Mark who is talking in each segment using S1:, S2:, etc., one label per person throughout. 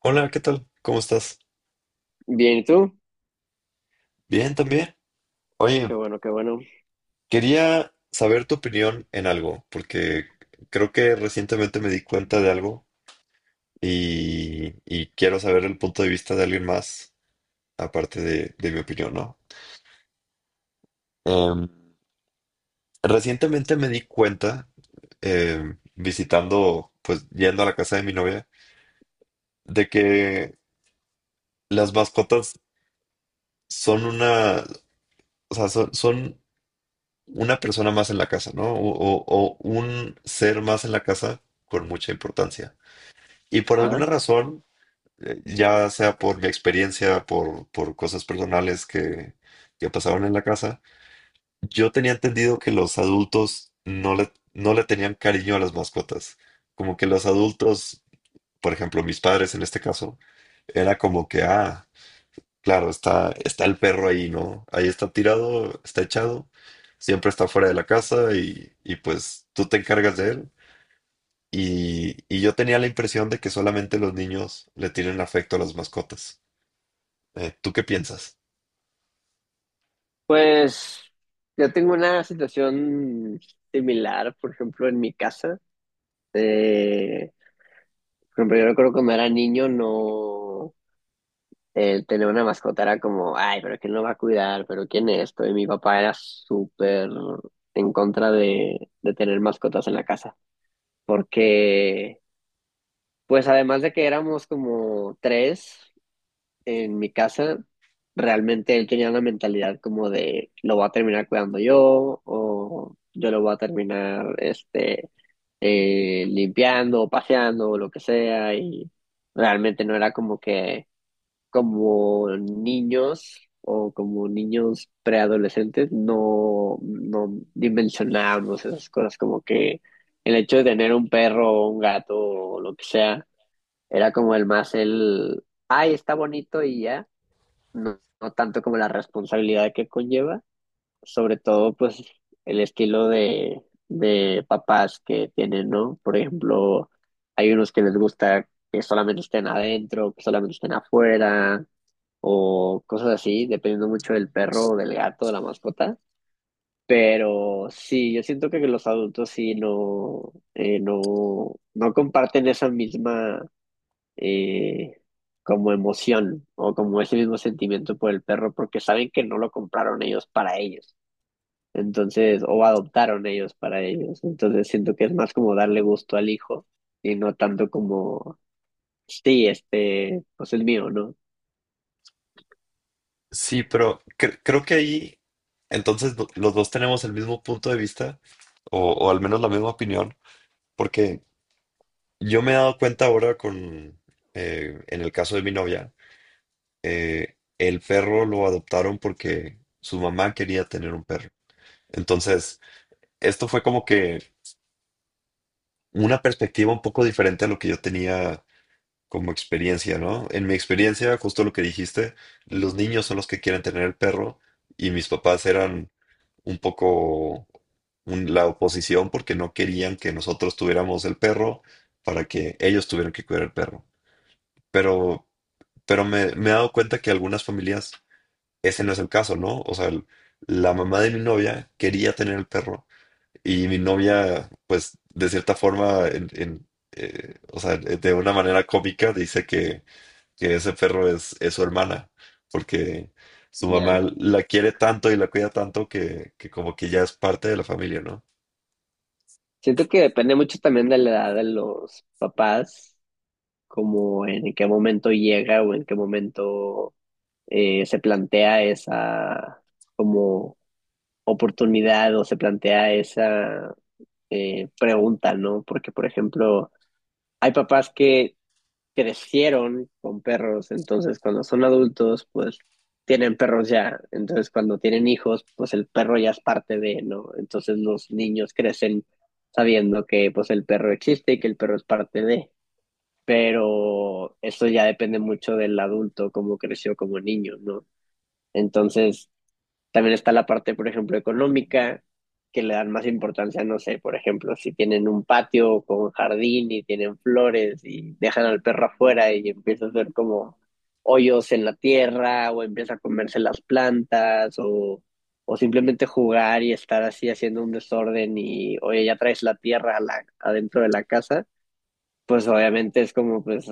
S1: Hola, ¿qué tal? ¿Cómo estás?
S2: Bien, ¿y tú?
S1: Bien, también. Oye,
S2: Qué bueno, qué bueno.
S1: quería saber tu opinión en algo, porque creo que recientemente me di cuenta de algo y quiero saber el punto de vista de alguien más, aparte de mi opinión, ¿no? Em, Recientemente me di cuenta, visitando, pues yendo a la casa de mi novia, de que las mascotas son una, o sea, son una persona más en la casa, ¿no? O un ser más en la casa con mucha importancia. Y por alguna
S2: Ajá.
S1: razón, ya sea por mi experiencia, por cosas personales que pasaron en la casa, yo tenía entendido que los adultos no le tenían cariño a las mascotas. Como que los adultos, por ejemplo, mis padres en este caso, era como que, ah, claro, está el perro ahí, ¿no? Ahí está tirado, está echado, siempre está fuera de la casa y pues tú te encargas de él. Y yo tenía la impresión de que solamente los niños le tienen afecto a las mascotas. ¿Tú qué piensas?
S2: Pues yo tengo una situación similar, por ejemplo, en mi casa. Eh, por ejemplo, yo recuerdo cuando era niño, no, tener una mascota era como, ay, pero ¿quién lo va a cuidar? ¿Pero quién es esto? Y mi papá era súper en contra de tener mascotas en la casa, porque, pues además de que éramos como tres en mi casa, realmente él tenía una mentalidad como de lo voy a terminar cuidando yo, o yo lo voy a terminar limpiando o paseando o lo que sea, y realmente no era como que, como niños o como niños preadolescentes, no, no dimensionábamos esas cosas, como que el hecho de tener un perro o un gato o lo que sea era como el, más el ay, está bonito y ya, no, no tanto como la responsabilidad que conlleva, sobre todo pues el estilo de papás que tienen, ¿no? Por ejemplo, hay unos que les gusta que solamente estén adentro, que solamente estén afuera, o cosas así, dependiendo mucho del perro o del gato, de la mascota. Pero sí, yo siento que los adultos sí no, no, no comparten esa misma, eh, como emoción o como ese mismo sentimiento por el perro, porque saben que no lo compraron ellos para ellos. Entonces, o adoptaron ellos para ellos. Entonces, siento que es más como darle gusto al hijo y no tanto como, sí, este, pues es mío, ¿no?
S1: Sí, pero creo que ahí entonces los dos tenemos el mismo punto de vista o al menos la misma opinión, porque yo me he dado cuenta ahora con, en el caso de mi novia, el perro lo adoptaron porque su mamá quería tener un perro. Entonces, esto fue como que una perspectiva un poco diferente a lo que yo tenía como experiencia, ¿no? En mi experiencia, justo lo que dijiste, los niños son los que quieren tener el perro y mis papás eran un poco la oposición porque no querían que nosotros tuviéramos el perro para que ellos tuvieran que cuidar el perro. Pero, pero me he dado cuenta que algunas familias ese no es el caso, ¿no? O sea, la mamá de mi novia quería tener el perro y mi novia, pues, de cierta forma, o sea, de una manera cómica, dice que ese perro es su hermana, porque su
S2: Ya.
S1: mamá la quiere tanto y la cuida tanto que como que ya es parte de la familia, ¿no?
S2: Siento que depende mucho también de la edad de los papás, como en qué momento llega o en qué momento, se plantea esa como oportunidad, o se plantea esa, preguntan, ¿no? Porque, por ejemplo, hay papás que crecieron con perros, entonces cuando son adultos, pues tienen perros ya, entonces cuando tienen hijos, pues el perro ya es parte de, ¿no? Entonces los niños crecen sabiendo que pues el perro existe y que el perro es parte de, pero eso ya depende mucho del adulto, cómo creció como niño, ¿no? Entonces, también está la parte, por ejemplo, económica, que le dan más importancia, no sé, por ejemplo, si tienen un patio con jardín y tienen flores y dejan al perro afuera y empieza a hacer como hoyos en la tierra, o empieza a comerse las plantas, o simplemente jugar y estar así haciendo un desorden y, oye, ya traes la tierra a la- adentro de la casa, pues obviamente es como, pues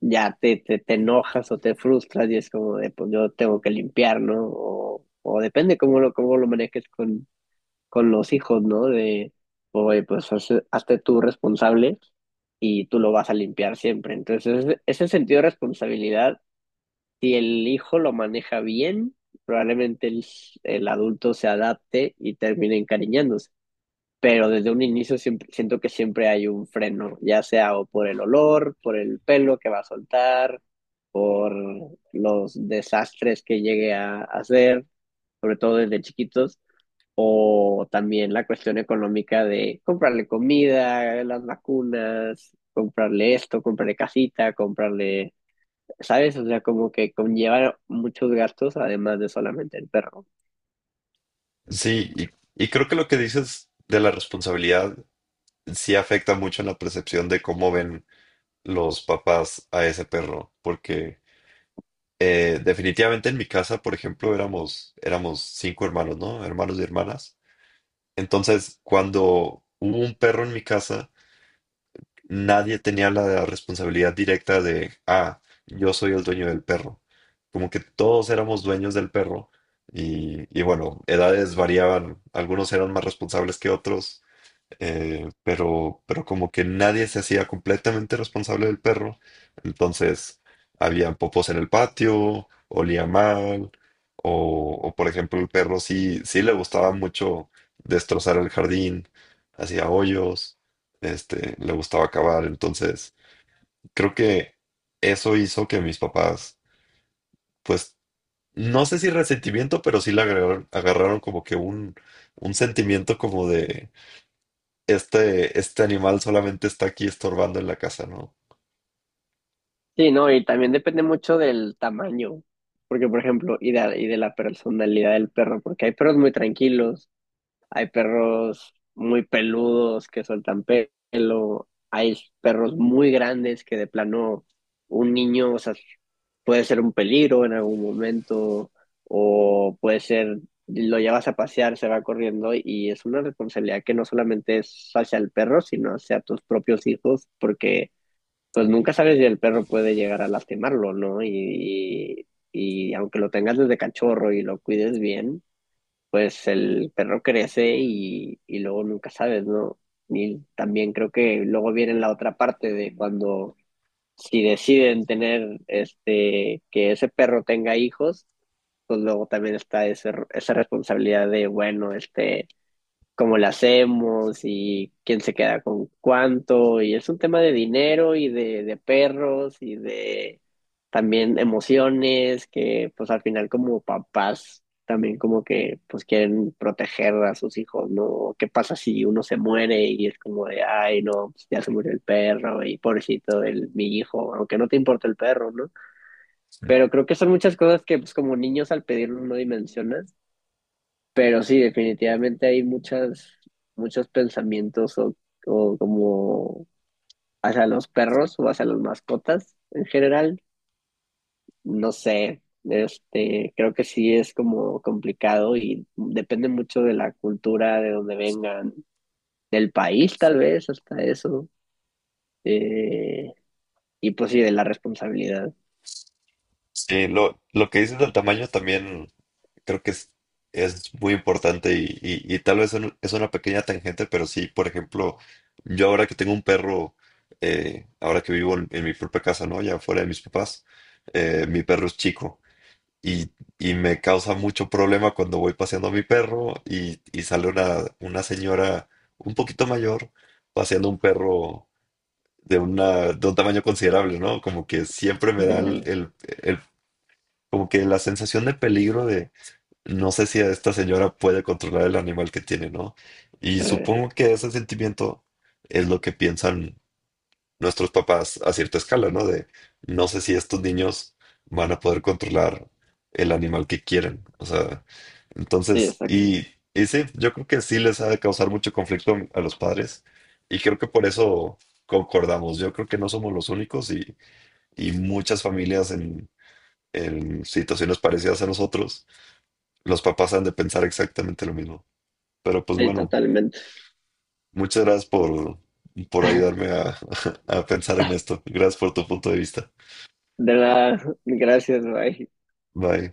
S2: ya te enojas o te frustras y es como de, pues yo tengo que limpiar, ¿no? O depende cómo lo manejes con los hijos, ¿no? De, oye, pues hazte tú responsable y tú lo vas a limpiar siempre. Entonces, ese sentido de responsabilidad, si el hijo lo maneja bien, probablemente el adulto se adapte y termine encariñándose, pero desde un inicio siempre, siento que siempre hay un freno, ya sea o por el olor, por el pelo que va a soltar, por los desastres que llegue a hacer, sobre todo desde chiquitos, o también la cuestión económica de comprarle comida, las vacunas, comprarle esto, comprarle casita, comprarle, ¿sabes? O sea, como que conlleva muchos gastos además de solamente el perro.
S1: Sí, y creo que lo que dices de la responsabilidad sí afecta mucho en la percepción de cómo ven los papás a ese perro, porque... definitivamente en mi casa, por ejemplo, éramos cinco hermanos, ¿no? Hermanos y hermanas. Entonces, cuando hubo un perro en mi casa, nadie tenía la responsabilidad directa de, ah, yo soy el dueño del perro. Como que todos éramos dueños del perro y bueno, edades variaban. Algunos eran más responsables que otros, pero como que nadie se hacía completamente responsable del perro, entonces había popos en el patio, olía mal, por ejemplo el perro sí, sí le gustaba mucho destrozar el jardín, hacía hoyos, este, le gustaba cavar, entonces creo que eso hizo que mis papás, pues no sé si resentimiento, pero sí le agarraron como que un sentimiento como de este, este animal solamente está aquí estorbando en la casa, ¿no?
S2: Sí, no, y también depende mucho del tamaño, porque por ejemplo, y de la personalidad del perro, porque hay perros muy tranquilos, hay perros muy peludos que sueltan pelo, hay perros muy grandes que de plano un niño, o sea, puede ser un peligro en algún momento, o puede ser, lo llevas a pasear, se va corriendo, y es una responsabilidad que no solamente es hacia el perro, sino hacia tus propios hijos, porque pues nunca sabes si el perro puede llegar a lastimarlo, ¿no? Y, y aunque lo tengas desde cachorro y lo cuides bien, pues el perro crece y luego nunca sabes, ¿no? Y también creo que luego viene la otra parte de cuando si deciden tener este que ese perro tenga hijos, pues luego también está ese- esa responsabilidad de, bueno, este, cómo la hacemos y quién se queda con cuánto. Y es un tema de dinero y de perros y de también emociones, que pues al final como papás también como que pues quieren proteger a sus hijos, ¿no? ¿Qué pasa si uno se muere y es como de, ay, no, pues, ya se murió el perro y pobrecito el, mi hijo, aunque no te importa el perro, ¿no?
S1: Sí,
S2: Pero creo que son muchas cosas que pues como niños al pedirlo no dimensionas, pero sí, definitivamente hay muchas, muchos pensamientos o como hacia los perros o hacia las mascotas en general. No sé, este, creo que sí es como complicado y depende mucho de la cultura, de dónde vengan, del país tal vez, hasta eso. Eh, y pues sí, de la responsabilidad.
S1: sí, lo que dices del tamaño también creo que es muy importante y tal vez es una pequeña tangente, pero sí, por ejemplo, yo ahora que tengo un perro, ahora que vivo en mi propia casa, ¿no? Ya fuera de mis papás, mi perro es chico y, y me causa mucho problema cuando voy paseando a mi perro y sale una señora un poquito mayor paseando un perro de una, de un tamaño considerable, ¿no? Como que siempre me da
S2: Eh,
S1: el- como que la sensación de peligro de no sé si esta señora puede controlar el animal que tiene, ¿no? Y
S2: eh,
S1: supongo que ese sentimiento es lo que piensan nuestros papás a cierta escala, ¿no? De no sé si estos niños van a poder controlar el animal que quieren. O sea,
S2: sí,
S1: entonces,
S2: exacto.
S1: y sí, yo creo que sí les ha de causar mucho conflicto a los padres y creo que por eso concordamos. Yo creo que no somos los únicos y muchas familias en situaciones parecidas a nosotros, los papás han de pensar exactamente lo mismo. Pero pues
S2: Sí,
S1: bueno,
S2: totalmente.
S1: muchas gracias por ayudarme a a pensar en esto. Gracias por tu punto de vista.
S2: De nada, gracias, bye.
S1: Bye.